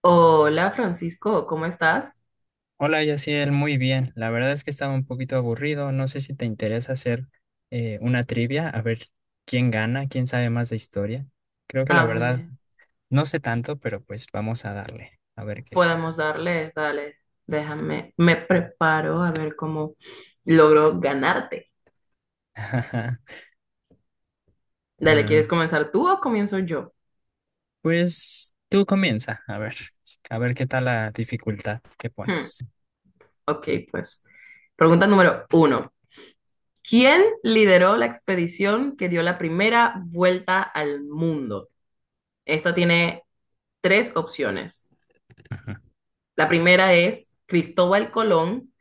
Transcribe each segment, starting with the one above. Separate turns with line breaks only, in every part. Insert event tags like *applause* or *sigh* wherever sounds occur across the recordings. Hola Francisco, ¿cómo estás?
Hola, Yaciel, muy bien. La verdad es que estaba un poquito aburrido. No sé si te interesa hacer una trivia, a ver quién gana, quién sabe más de historia. Creo que la
A
verdad
ver,
no sé tanto, pero pues vamos a darle, a ver qué sale.
podemos darle, dale, déjame, me preparo a ver cómo logro ganarte.
*laughs*
Dale,
Ah,
¿quieres comenzar tú o comienzo yo?
pues tú comienza, a ver qué tal la dificultad que
Hmm,
pones.
ok, pues. Pregunta número uno. ¿Quién lideró la expedición que dio la primera vuelta al mundo? Esta tiene tres opciones.
Ajá.
La primera es Cristóbal Colón,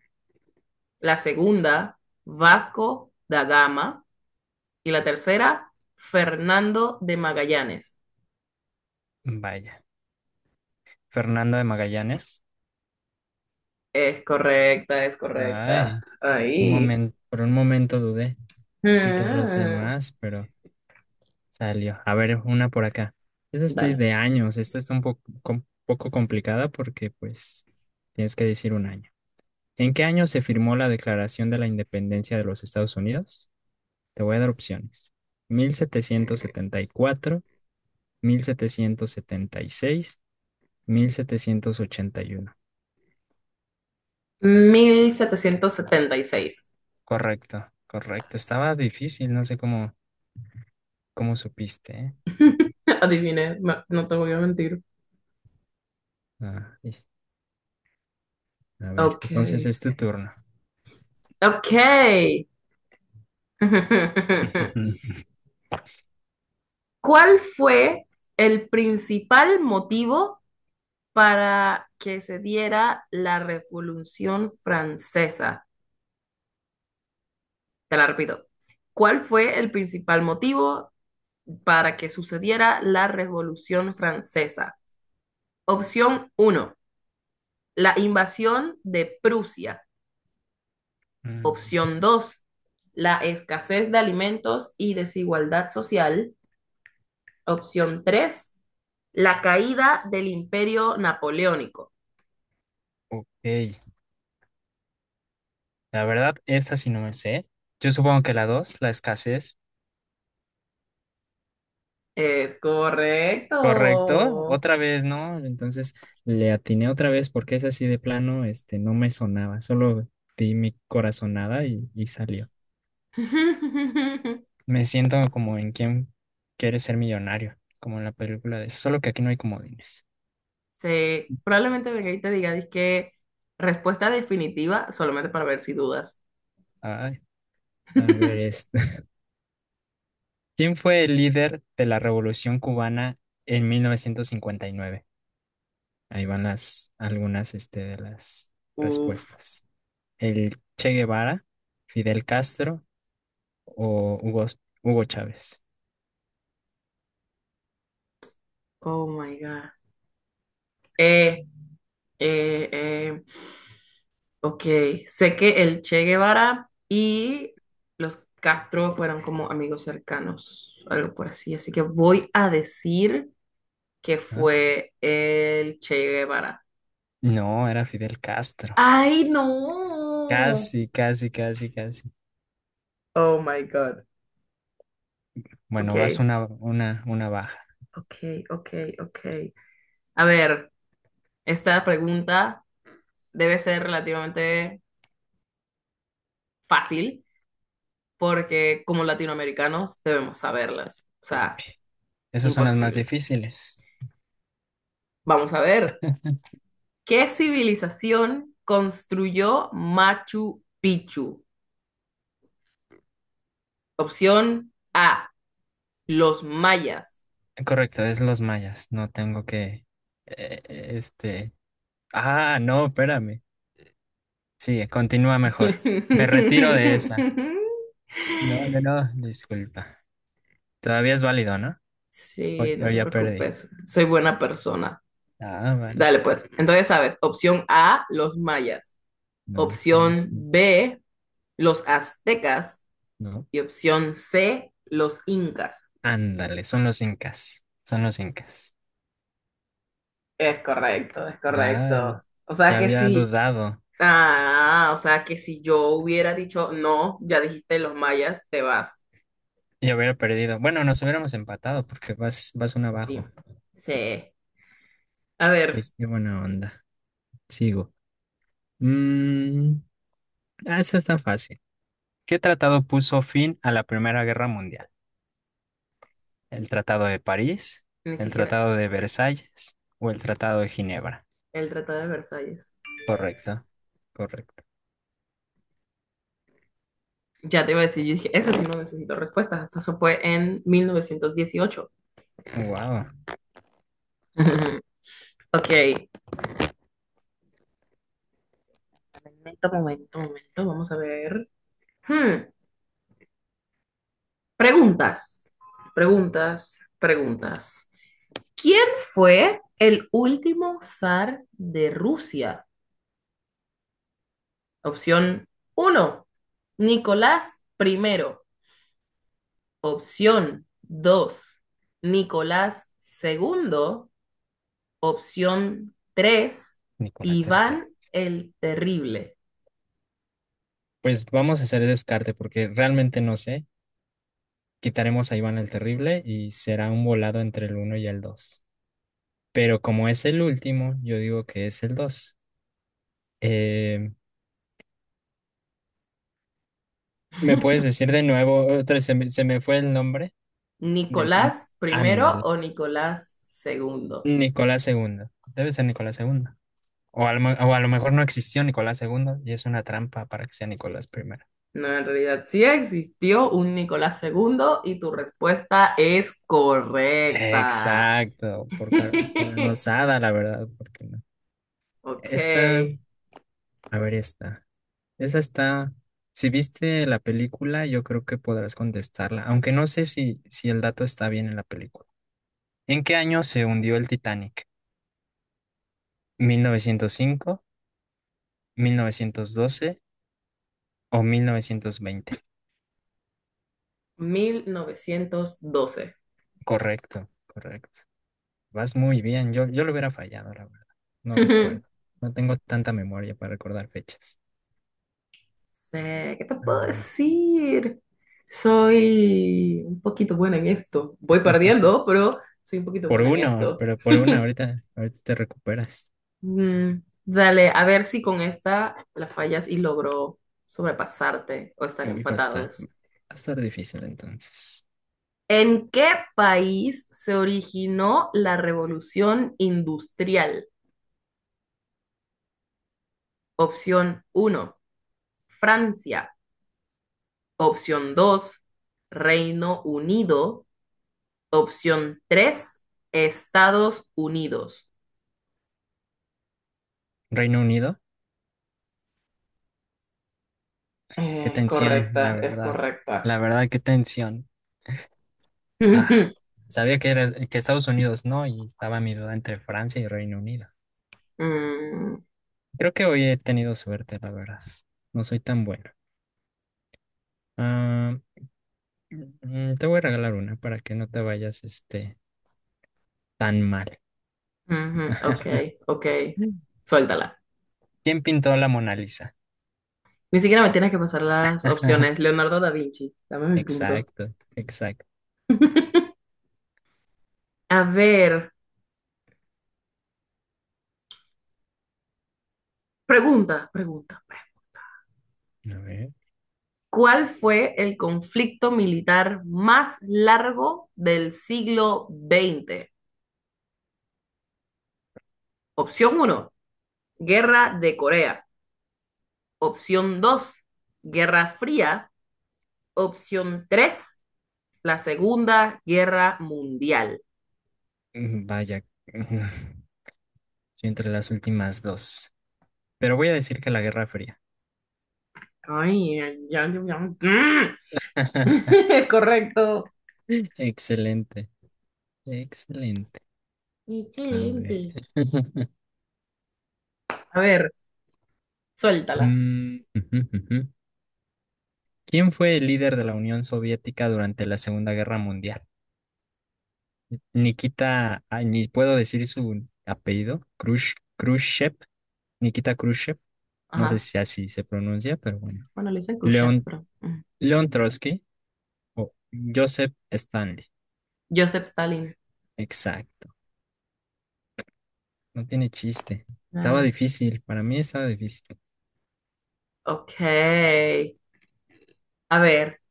la segunda, Vasco da Gama. Y la tercera, Fernando de Magallanes.
Vaya, Fernando de Magallanes.
Es correcta, es correcta.
Ay, un
Ahí.
momento, por un momento dudé entre los
Mm,
demás, pero salió. A ver, una por acá. Esta es de
dale.
de años. Esta está un poco, poco complicada porque, pues, tienes que decir un año. ¿En qué año se firmó la Declaración de la Independencia de los Estados Unidos? Te voy a dar opciones. mil setecientos setenta y cuatro seis mil setecientos ochenta y uno.
1776.
Correcto, correcto. Estaba difícil, no sé cómo supiste, ¿eh?
*laughs* Adiviné, ma- no te voy a mentir.
Ah, a ver,
Ok.
entonces es tu turno.
Ok. *laughs*
*laughs*
¿Cuál fue el principal motivo para que se diera la Revolución Francesa? Te la repito. ¿Cuál fue el principal motivo para que sucediera la Revolución Francesa? Opción uno, la invasión de Prusia.
Mm,
Opción 2, la escasez de alimentos y desigualdad social. Opción 3, la caída del imperio napoleónico.
ok. La verdad, esta sí no me sé. Yo supongo que la dos, la escasez.
Es
Correcto,
correcto.
otra vez, ¿no? Entonces le atiné otra vez porque es así de plano, este, no me sonaba. Solo di mi corazonada y salió.
*laughs*
Me siento como en quien quiere ser millonario, como en la película de Solo que aquí no hay comodines.
Sí, probablemente venga y te diga, es que respuesta definitiva, solamente para ver si dudas.
Ay, a ver,
*laughs*
este. *laughs* ¿Quién fue el líder de la Revolución Cubana en 1959? Ahí van las, algunas, este, de las
Uf,
respuestas. El Che Guevara, Fidel Castro o Hugo Chávez.
oh my God. Eh, eh, eh, ok, sé que el Che Guevara y los Castro fueron como amigos cercanos, algo por así, así que voy a decir que
¿Ah?
fue el Che Guevara.
No, era Fidel Castro.
¡Ay, no!
Casi, casi, casi, casi.
Oh my God.
Bueno, vas
Ok,
una baja.
ok, ok, ok. A ver, esta pregunta debe ser relativamente fácil porque como latinoamericanos debemos saberlas, o sea,
Esas son las más
imposible.
difíciles.
Vamos a ver, ¿qué civilización construyó Machu Picchu? Opción A, los mayas.
Correcto, es los mayas. No tengo que… este… Ah, no, espérame. Sí, continúa mejor. Me retiro de esa.
*laughs*
No, no, no, disculpa. Todavía es válido, ¿no? O,
Sí, no
o
te
ya perdí.
preocupes, soy buena persona.
Ah, vale.
Dale, pues, entonces sabes, opción A, los mayas.
No, son los
Opción
incas.
B, los aztecas.
No.
Y opción C, los incas.
Ándale, son los incas, son los incas.
Es correcto, es correcto.
Ay,
O sea
ya
que
había
sí.
dudado
Ah, o sea que si yo hubiera dicho no, ya dijiste los mayas, te vas.
y hubiera perdido. Bueno, nos hubiéramos empatado porque vas un
Sí,
abajo.
sí. A ver,
Pues qué buena onda. Sigo. Mm, esta está fácil. ¿Qué tratado puso fin a la Primera Guerra Mundial? ¿El Tratado de París,
ni
el
siquiera
Tratado de Versalles o el Tratado de Ginebra?
el Tratado de Versalles.
Correcto, correcto.
Ya te iba a decir, yo dije, eso sí no necesito respuestas. Hasta eso fue en 1918.
Wow,
*laughs* Ok. Momento, momento, momento. Vamos a ver. Hmm, Preguntas. Preguntas, preguntas. ¿Quién fue el último zar de Rusia? Opción uno, Nicolás primero. Opción 2, Nicolás segundo. Opción 3,
Nicolás III.
Iván el Terrible.
Pues vamos a hacer el descarte porque realmente no sé. Quitaremos a Iván el Terrible y será un volado entre el uno y el 2. Pero como es el último, yo digo que es el dos. Eh, ¿Me puedes decir de nuevo? Otra, se me fue el nombre del…
Nicolás primero
Ándale.
o Nicolás segundo.
Nicolás segundo. Debe ser Nicolás segundo. O a lo mejor no existió Nicolás segundo y es una trampa para que sea Nicolás primero.
No, en realidad sí existió un Nicolás segundo y tu respuesta es correcta.
Exacto, por
*laughs*
coronozada, la verdad, porque no.
Ok,
Esta, a ver esta. Esa está, si viste la película, yo creo que podrás contestarla, aunque no sé si el dato está bien en la película. ¿En qué año se hundió el Titanic? mil novecientos cinco, 1912 o 1920.
1912.
Correcto, correcto. Vas muy bien, yo lo hubiera fallado, la verdad. No recuerdo.
*laughs*
No tengo tanta memoria para recordar fechas.
Sé, ¿qué te puedo
Ah,
decir? Soy un poquito buena en esto. Voy perdiendo, pero soy un poquito
por
buena en
uno,
esto.
pero por una, ahorita te recuperas.
Mm, dale, a ver si con esta la fallas y logro sobrepasarte o estar
Uy, va a estar, va
empatados.
a estar difícil entonces.
¿En qué país se originó la revolución industrial? Opción uno: Francia. Opción 2: Reino Unido. Opción 3: Estados Unidos.
¿Reino Unido? Qué
Es
tensión, la
correcta, es
verdad.
correcta.
La verdad, qué tensión.
*laughs*
Ah,
Ujú.
sabía que era que Estados Unidos no, y estaba mi duda entre Francia y Reino Unido.
Mm,
Creo que hoy he tenido suerte, la verdad. No soy tan bueno. Ah, te voy a regalar una para que no te vayas este tan mal.
ujú, ok, ok.
Mm.
Suéltala.
¿Quién pintó la Mona Lisa?
Ni siquiera me tienes que pasar las opciones. Leonardo da Vinci, dame mi punto.
Exacto, exacto.
*laughs* A ver, pregunta, pregunta.
A ver.
¿Cuál fue el conflicto militar más largo del siglo XX? Opción uno: Guerra de Corea. Opción 2: Guerra Fría. Opción tres, la Segunda Guerra Mundial.
Vaya, *laughs* estoy entre las últimas dos. Pero voy a decir que la Guerra Fría.
Ay, ya, ya, ya. *laughs*
*laughs*
Correcto.
Excelente, excelente. A ver.
Excelente.
*laughs*
A ver, suéltala.
Mm, ujú, ujú. ¿Quién fue el líder de la Unión Soviética durante la Segunda Guerra Mundial? Nikita, ay, ni puedo decir su apellido, Khrushchev, Nikita Khrushchev, no sé
Ajá.
si así se pronuncia, pero bueno.
Bueno, le dicen Khrushchev,
León,
pero. Mm.
León Trotsky o Joseph Stanley.
Joseph Stalin.
Exacto, no tiene chiste. Estaba
Ah,
difícil, para mí estaba difícil.
ok. A ver,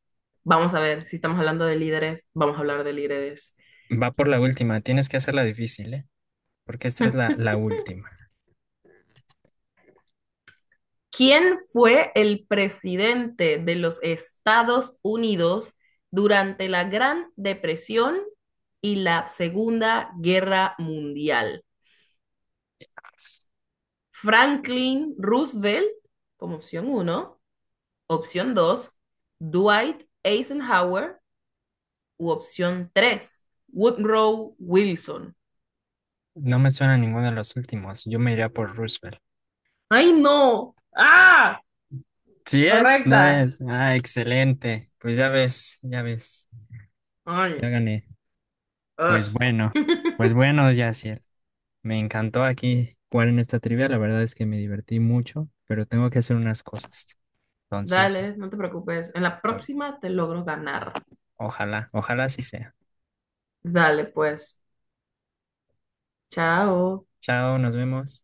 vamos a ver si estamos hablando de líderes. Vamos a hablar de líderes.
Va por la última, tienes que hacerla difícil, ¿eh? Porque esta es
Hmm.
la última.
¿Quién fue el presidente de los Estados Unidos durante la Gran Depresión y la Segunda Guerra Mundial? Franklin Roosevelt, como opción uno, opción 2, Dwight Eisenhower u opción 3, Woodrow Wilson.
No me suena ninguno de los últimos. Yo me iría por Roosevelt.
¡Ay, no! ¡Ah!
Sí es, no
Correcta.
es. Excelente. Pues ya ves, ya ves. Ya
Ay,
gané. Pues
ush.
bueno, pues bueno, Yacir. Me encantó aquí jugar en esta trivia. La verdad es que me divertí mucho, pero tengo que hacer unas cosas. Entonces,
Dale, no te preocupes. En la
a
próxima te logro ganar.
ojalá, ojalá sí sea.
Dale, pues. Chao.
Chao, nos vemos.